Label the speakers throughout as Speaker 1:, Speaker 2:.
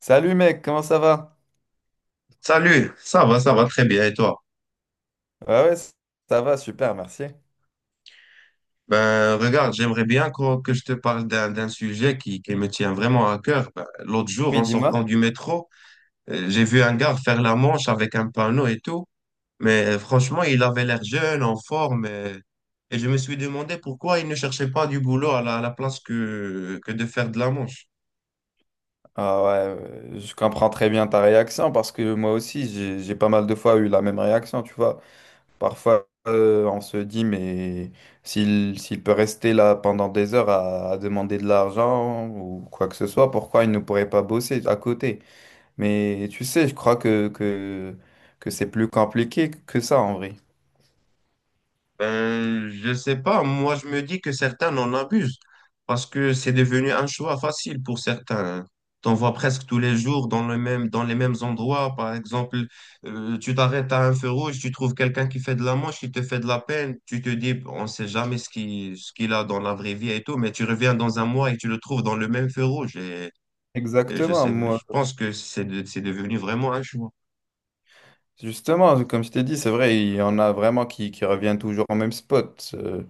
Speaker 1: Salut mec, comment ça va?
Speaker 2: Salut, ça va très bien et toi?
Speaker 1: Ouais, ouais, ça va, super, merci.
Speaker 2: Ben regarde, j'aimerais bien que je te parle d'un sujet qui me tient vraiment à cœur. Ben, l'autre jour,
Speaker 1: Oui,
Speaker 2: en sortant
Speaker 1: dis-moi.
Speaker 2: du métro, j'ai vu un gars faire la manche avec un panneau et tout, mais franchement, il avait l'air jeune, en forme, et je me suis demandé pourquoi il ne cherchait pas du boulot à la place que de faire de la manche.
Speaker 1: Ah ouais, je comprends très bien ta réaction parce que moi aussi, j'ai pas mal de fois eu la même réaction, tu vois. Parfois, on se dit, mais s'il peut rester là pendant des heures à demander de l'argent ou quoi que ce soit, pourquoi il ne pourrait pas bosser à côté? Mais tu sais, je crois que c'est plus compliqué que ça en vrai.
Speaker 2: Ben, je sais pas. Moi, je me dis que certains en abusent parce que c'est devenu un choix facile pour certains, hein. T'en vois presque tous les jours dans les mêmes endroits. Par exemple, tu t'arrêtes à un feu rouge, tu trouves quelqu'un qui fait de la manche, il te fait de la peine. Tu te dis, bon, on ne sait jamais ce qu'il a dans la vraie vie et tout, mais tu reviens dans un mois et tu le trouves dans le même feu rouge. Et
Speaker 1: Exactement, moi.
Speaker 2: je pense que c'est devenu vraiment un choix.
Speaker 1: Justement, comme je t'ai dit, c'est vrai, il y en a vraiment qui reviennent toujours au même spot.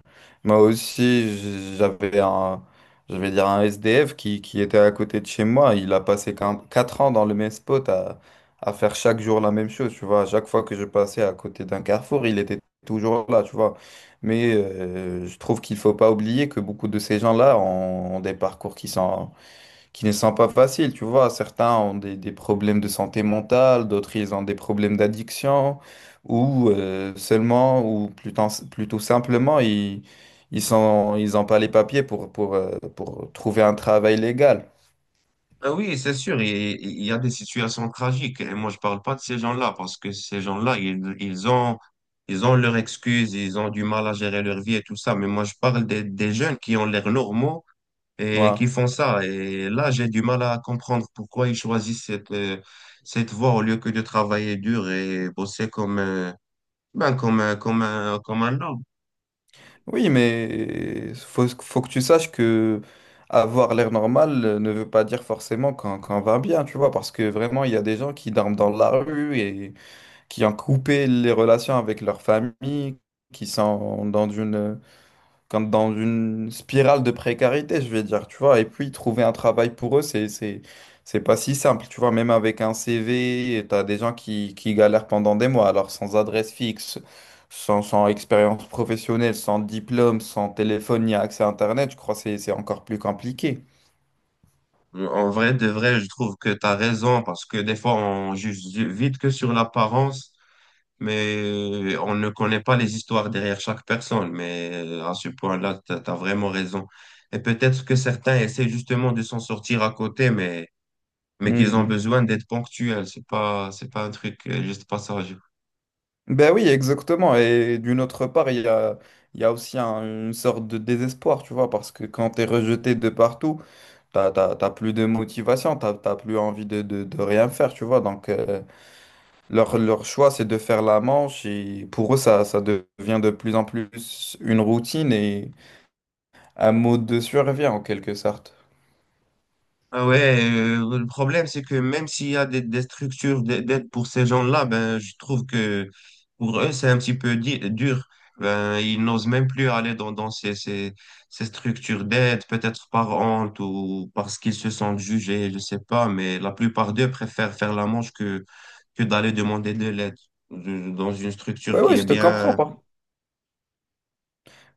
Speaker 1: Moi aussi, j'avais je vais dire un SDF qui était à côté de chez moi. Il a passé 4 ans dans le même spot à faire chaque jour la même chose, tu vois. À chaque fois que je passais à côté d'un carrefour, il était toujours là, tu vois. Mais je trouve qu'il faut pas oublier que beaucoup de ces gens-là ont des parcours qui ne sont pas faciles, tu vois. Certains ont des problèmes de santé mentale, d'autres ils ont des problèmes d'addiction, ou plutôt simplement, ils sont, ils n'ont pas les papiers pour trouver un travail légal.
Speaker 2: Ah oui, c'est sûr, il y a des situations tragiques. Et moi, je parle pas de ces gens-là parce que ces gens-là, ils ont leurs excuses, ils ont du mal à gérer leur vie et tout ça. Mais moi, je parle des jeunes qui ont l'air normaux et
Speaker 1: Ouais.
Speaker 2: qui font ça. Et là, j'ai du mal à comprendre pourquoi ils choisissent cette voie au lieu que de travailler dur et bosser comme comme un lord.
Speaker 1: Oui, mais faut, faut que tu saches que avoir l'air normal ne veut pas dire forcément qu'on va bien, tu vois, parce que vraiment, il y a des gens qui dorment dans la rue et qui ont coupé les relations avec leur famille, qui sont dans dans une spirale de précarité, je vais dire, tu vois. Et puis, trouver un travail pour eux, c'est pas si simple, tu vois. Même avec un CV, tu as des gens qui galèrent pendant des mois, alors sans adresse fixe, sans expérience professionnelle, sans diplôme, sans téléphone ni accès à Internet, je crois que c'est encore plus compliqué.
Speaker 2: En vrai, de vrai, je trouve que tu as raison parce que des fois, on juge vite que sur l'apparence, mais on ne connaît pas les histoires derrière chaque personne. Mais à ce point-là, tu as vraiment raison. Et peut-être que certains essaient justement de s'en sortir à côté, mais qu'ils ont besoin d'être ponctuels. C'est pas un truc, juste passage.
Speaker 1: Ben oui, exactement. Et d'une autre part, il y a aussi une sorte de désespoir, tu vois, parce que quand tu es rejeté de partout, t'as plus de motivation, t'as plus envie de rien faire, tu vois. Donc, leur choix, c'est de faire la manche. Et pour eux, ça devient de plus en plus une routine et un mode de survie, en quelque sorte.
Speaker 2: Ah ouais, le problème, c'est que même s'il y a des structures d'aide pour ces gens-là, ben, je trouve que pour eux, c'est un petit peu dur. Ben, ils n'osent même plus aller dans ces structures d'aide, peut-être par honte ou parce qu'ils se sentent jugés, je sais pas, mais la plupart d'eux préfèrent faire la manche que d'aller demander de l'aide dans une structure
Speaker 1: Oui,
Speaker 2: qui
Speaker 1: oui,
Speaker 2: est
Speaker 1: je te comprends.
Speaker 2: bien.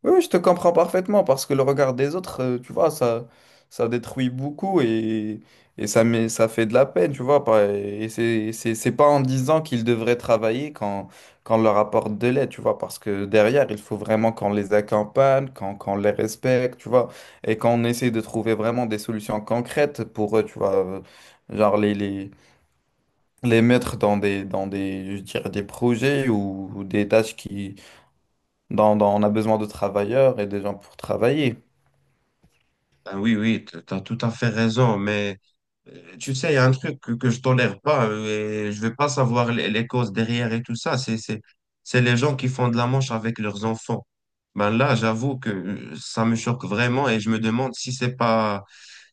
Speaker 1: Oui, oui, je te comprends parfaitement parce que le regard des autres, tu vois, ça détruit beaucoup et, ça fait de la peine, tu vois. Et c'est pas en disant qu'ils devraient travailler quand on leur apporte de l'aide, tu vois, parce que derrière, il faut vraiment qu'on les accompagne, qu'on les respecte, tu vois, et qu'on essaie de trouver vraiment des solutions concrètes pour eux, tu vois, genre les mettre dans des, je dirais, des projets ou des tâches qui on a besoin de travailleurs et des gens pour travailler.
Speaker 2: Ben oui, oui, tu as tout à fait raison, mais tu sais, il y a un truc que je tolère pas, et je vais pas savoir les causes derrière et tout ça. C'est les gens qui font de la manche avec leurs enfants. Ben là, j'avoue que ça me choque vraiment et je me demande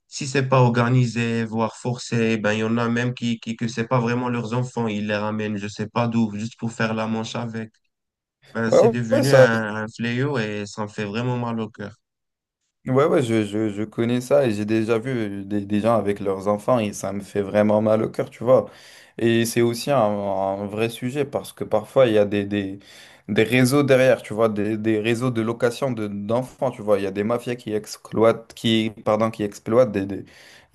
Speaker 2: si c'est pas organisé, voire forcé. Ben il y en a même qui que c'est pas vraiment leurs enfants, ils les ramènent, je sais pas d'où, juste pour faire la manche avec. Ben
Speaker 1: Ouais,
Speaker 2: c'est
Speaker 1: ouais, ouais,
Speaker 2: devenu
Speaker 1: ça,
Speaker 2: un fléau et ça me fait vraiment mal au cœur.
Speaker 1: Ouais, ouais, je connais ça et j'ai déjà vu des gens avec leurs enfants et ça me fait vraiment mal au cœur, tu vois. Et c'est aussi un vrai sujet parce que parfois il y a des réseaux derrière, tu vois, des réseaux de location d'enfants, tu vois. Il y a des mafias qui exploitent, qui, pardon, qui exploitent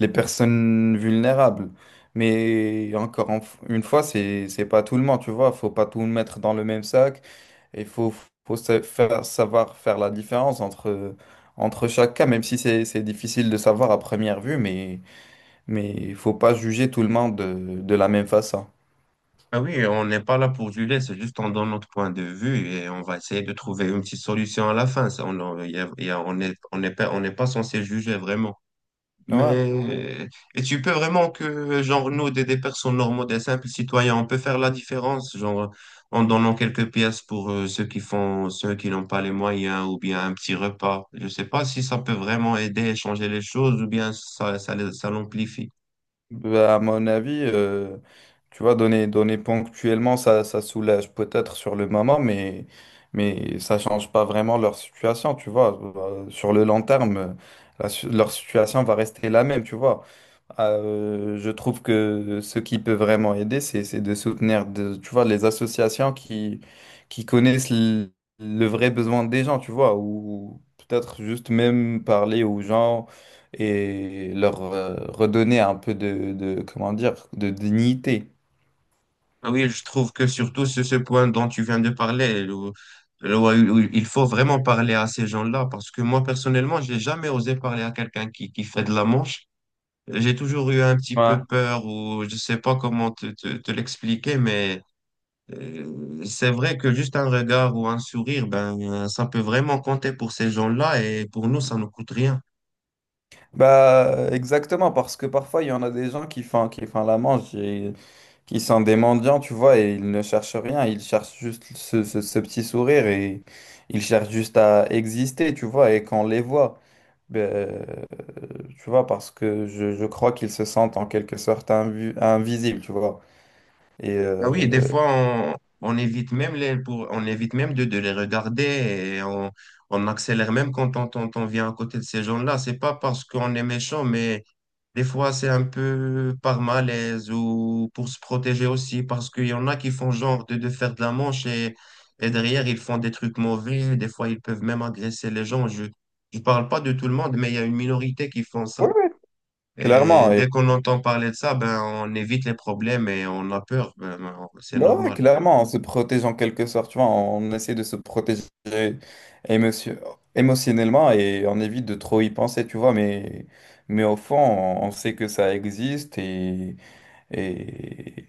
Speaker 1: les personnes vulnérables. Mais une fois, c'est pas tout le monde, tu vois. Faut pas tout mettre dans le même sac. Il faut, savoir faire la différence entre chaque cas, même si c'est difficile de savoir à première vue, mais il faut pas juger tout le monde de la même façon.
Speaker 2: Ah oui, on n'est pas là pour juger, c'est juste on donne notre point de vue et on va essayer de trouver une petite solution à la fin. Ça, on- y a- y a- on est, on n'est pas censé juger vraiment.
Speaker 1: Ouais.
Speaker 2: Mais et tu peux vraiment que, genre, nous, des personnes normaux, des simples citoyens, on peut faire la différence, genre, en donnant quelques pièces pour ceux qui font, ceux qui n'ont pas les moyens, ou bien un petit repas. Je sais pas si ça peut vraiment aider à changer les choses, ou bien ça l'amplifie.
Speaker 1: Bah, à mon avis, tu vois, donner ponctuellement, ça soulage peut-être sur le moment, mais ça change pas vraiment leur situation, tu vois. Bah, sur le long terme, leur situation va rester la même, tu vois. Je trouve que ce qui peut vraiment aider, c'est de soutenir, de, tu vois, les associations qui connaissent le vrai besoin des gens, tu vois, ou peut-être juste même parler aux gens et leur redonner un peu comment dire, de dignité.
Speaker 2: Ah oui, je trouve que surtout ce point dont tu viens de parler, où il faut vraiment parler à ces gens-là, parce que moi, personnellement, j'ai jamais osé parler à quelqu'un qui fait de la manche. J'ai toujours eu un petit
Speaker 1: Ouais.
Speaker 2: peu peur, ou je sais pas comment te l'expliquer, mais c'est vrai que juste un regard ou un sourire, ben, ça peut vraiment compter pour ces gens-là, et pour nous, ça ne coûte rien.
Speaker 1: Bah, exactement, parce que parfois, il y en a des gens qui font la manche, qui sont des mendiants, tu vois, et ils ne cherchent rien, ils cherchent juste ce petit sourire et ils cherchent juste à exister, tu vois, et quand on les voit, ben, tu vois, parce que je crois qu'ils se sentent en quelque sorte invisibles, tu vois. Et
Speaker 2: Ah oui, des fois, on, on évite même on évite même de les regarder et on accélère même quand on vient à côté de ces gens-là. C'est pas parce qu'on est méchant, mais des fois, c'est un peu par malaise ou pour se protéger aussi, parce qu'il y en a qui font genre de faire de la manche, et derrière, ils font des trucs mauvais. Des fois, ils peuvent même agresser les gens. Je parle pas de tout le monde, mais il y a une minorité qui font
Speaker 1: ouais,
Speaker 2: ça.
Speaker 1: ouais,
Speaker 2: Et
Speaker 1: clairement, et
Speaker 2: dès qu'on entend parler de ça, ben, on évite les problèmes et on a peur. Ben, c'est
Speaker 1: bah ouais,
Speaker 2: normal.
Speaker 1: clairement, on se protège en quelque sorte, tu vois, on essaie de se protéger émotion- émotionnellement et on évite de trop y penser, tu vois, mais au fond, on sait que ça existe. Et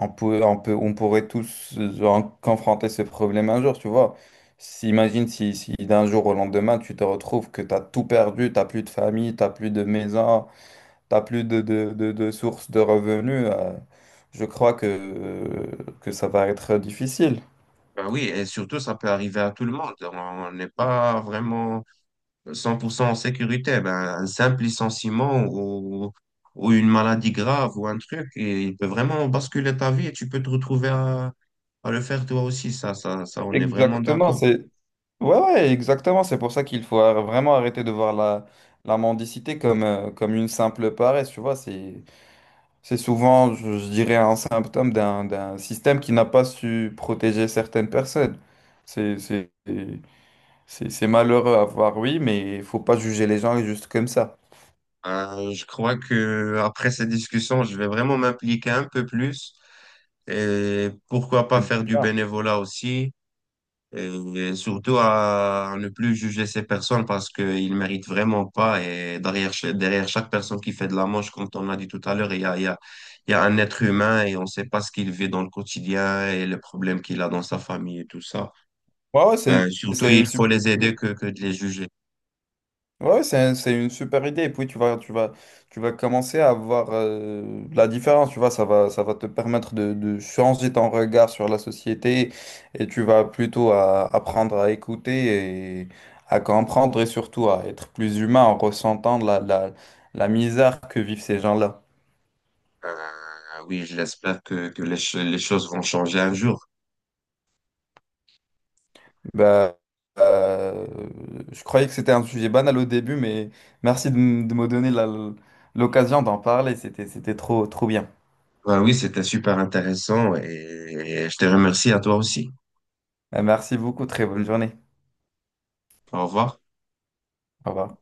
Speaker 1: on pourrait tous confronter ce problème un jour, tu vois. Imagine si d'un jour au lendemain, tu te retrouves que tu as tout perdu, tu n'as plus de famille, tu n'as plus de maison, tu n'as plus de source de revenus, je crois que ça va être difficile.
Speaker 2: Ben oui, et surtout, ça peut arriver à tout le monde. On n'est pas vraiment 100% en sécurité. Ben, un simple licenciement ou une maladie grave ou un truc, et il peut vraiment basculer ta vie et tu peux te retrouver à le faire toi aussi. On est vraiment
Speaker 1: Exactement,
Speaker 2: d'accord.
Speaker 1: c'est... Ouais, ouais, exactement. C'est pour ça qu'il faut vraiment arrêter de voir la mendicité comme une simple paresse, tu vois. C'est souvent, je dirais, un symptôme d'un système qui n'a pas su protéger certaines personnes. C'est c'est- c'est malheureux à voir, oui, mais il faut pas juger les gens juste comme ça.
Speaker 2: Je crois que après cette discussion, je vais vraiment m'impliquer un peu plus et pourquoi pas
Speaker 1: C'est
Speaker 2: faire du
Speaker 1: bien.
Speaker 2: bénévolat aussi et surtout à ne plus juger ces personnes parce qu'ils méritent vraiment pas, et derrière, derrière chaque personne qui fait de la manche, comme on a dit tout à l'heure, il y a un être humain et on ne sait pas ce qu'il vit dans le quotidien et les problèmes qu'il a dans sa famille et tout ça.
Speaker 1: Ouais, ouais,
Speaker 2: Ben, surtout,
Speaker 1: c'est
Speaker 2: il
Speaker 1: une
Speaker 2: faut
Speaker 1: super
Speaker 2: les aider
Speaker 1: idée.
Speaker 2: que de les juger.
Speaker 1: Ouais, c'est une super idée. Et puis tu vas commencer à voir la différence. Tu vois, ça va te permettre de changer ton regard sur la société et tu vas plutôt apprendre à écouter et à comprendre et surtout à être plus humain en ressentant la misère que vivent ces gens-là.
Speaker 2: Ben, oui, je l'espère que les choses vont changer un jour.
Speaker 1: Bah, euh, je croyais que c'était un sujet banal au début, mais merci de me donner l'occasion d'en parler. C'était trop bien.
Speaker 2: Ah oui, c'était super intéressant et je te remercie à toi aussi.
Speaker 1: Merci beaucoup. Très bonne journée.
Speaker 2: Au revoir.
Speaker 1: Au revoir.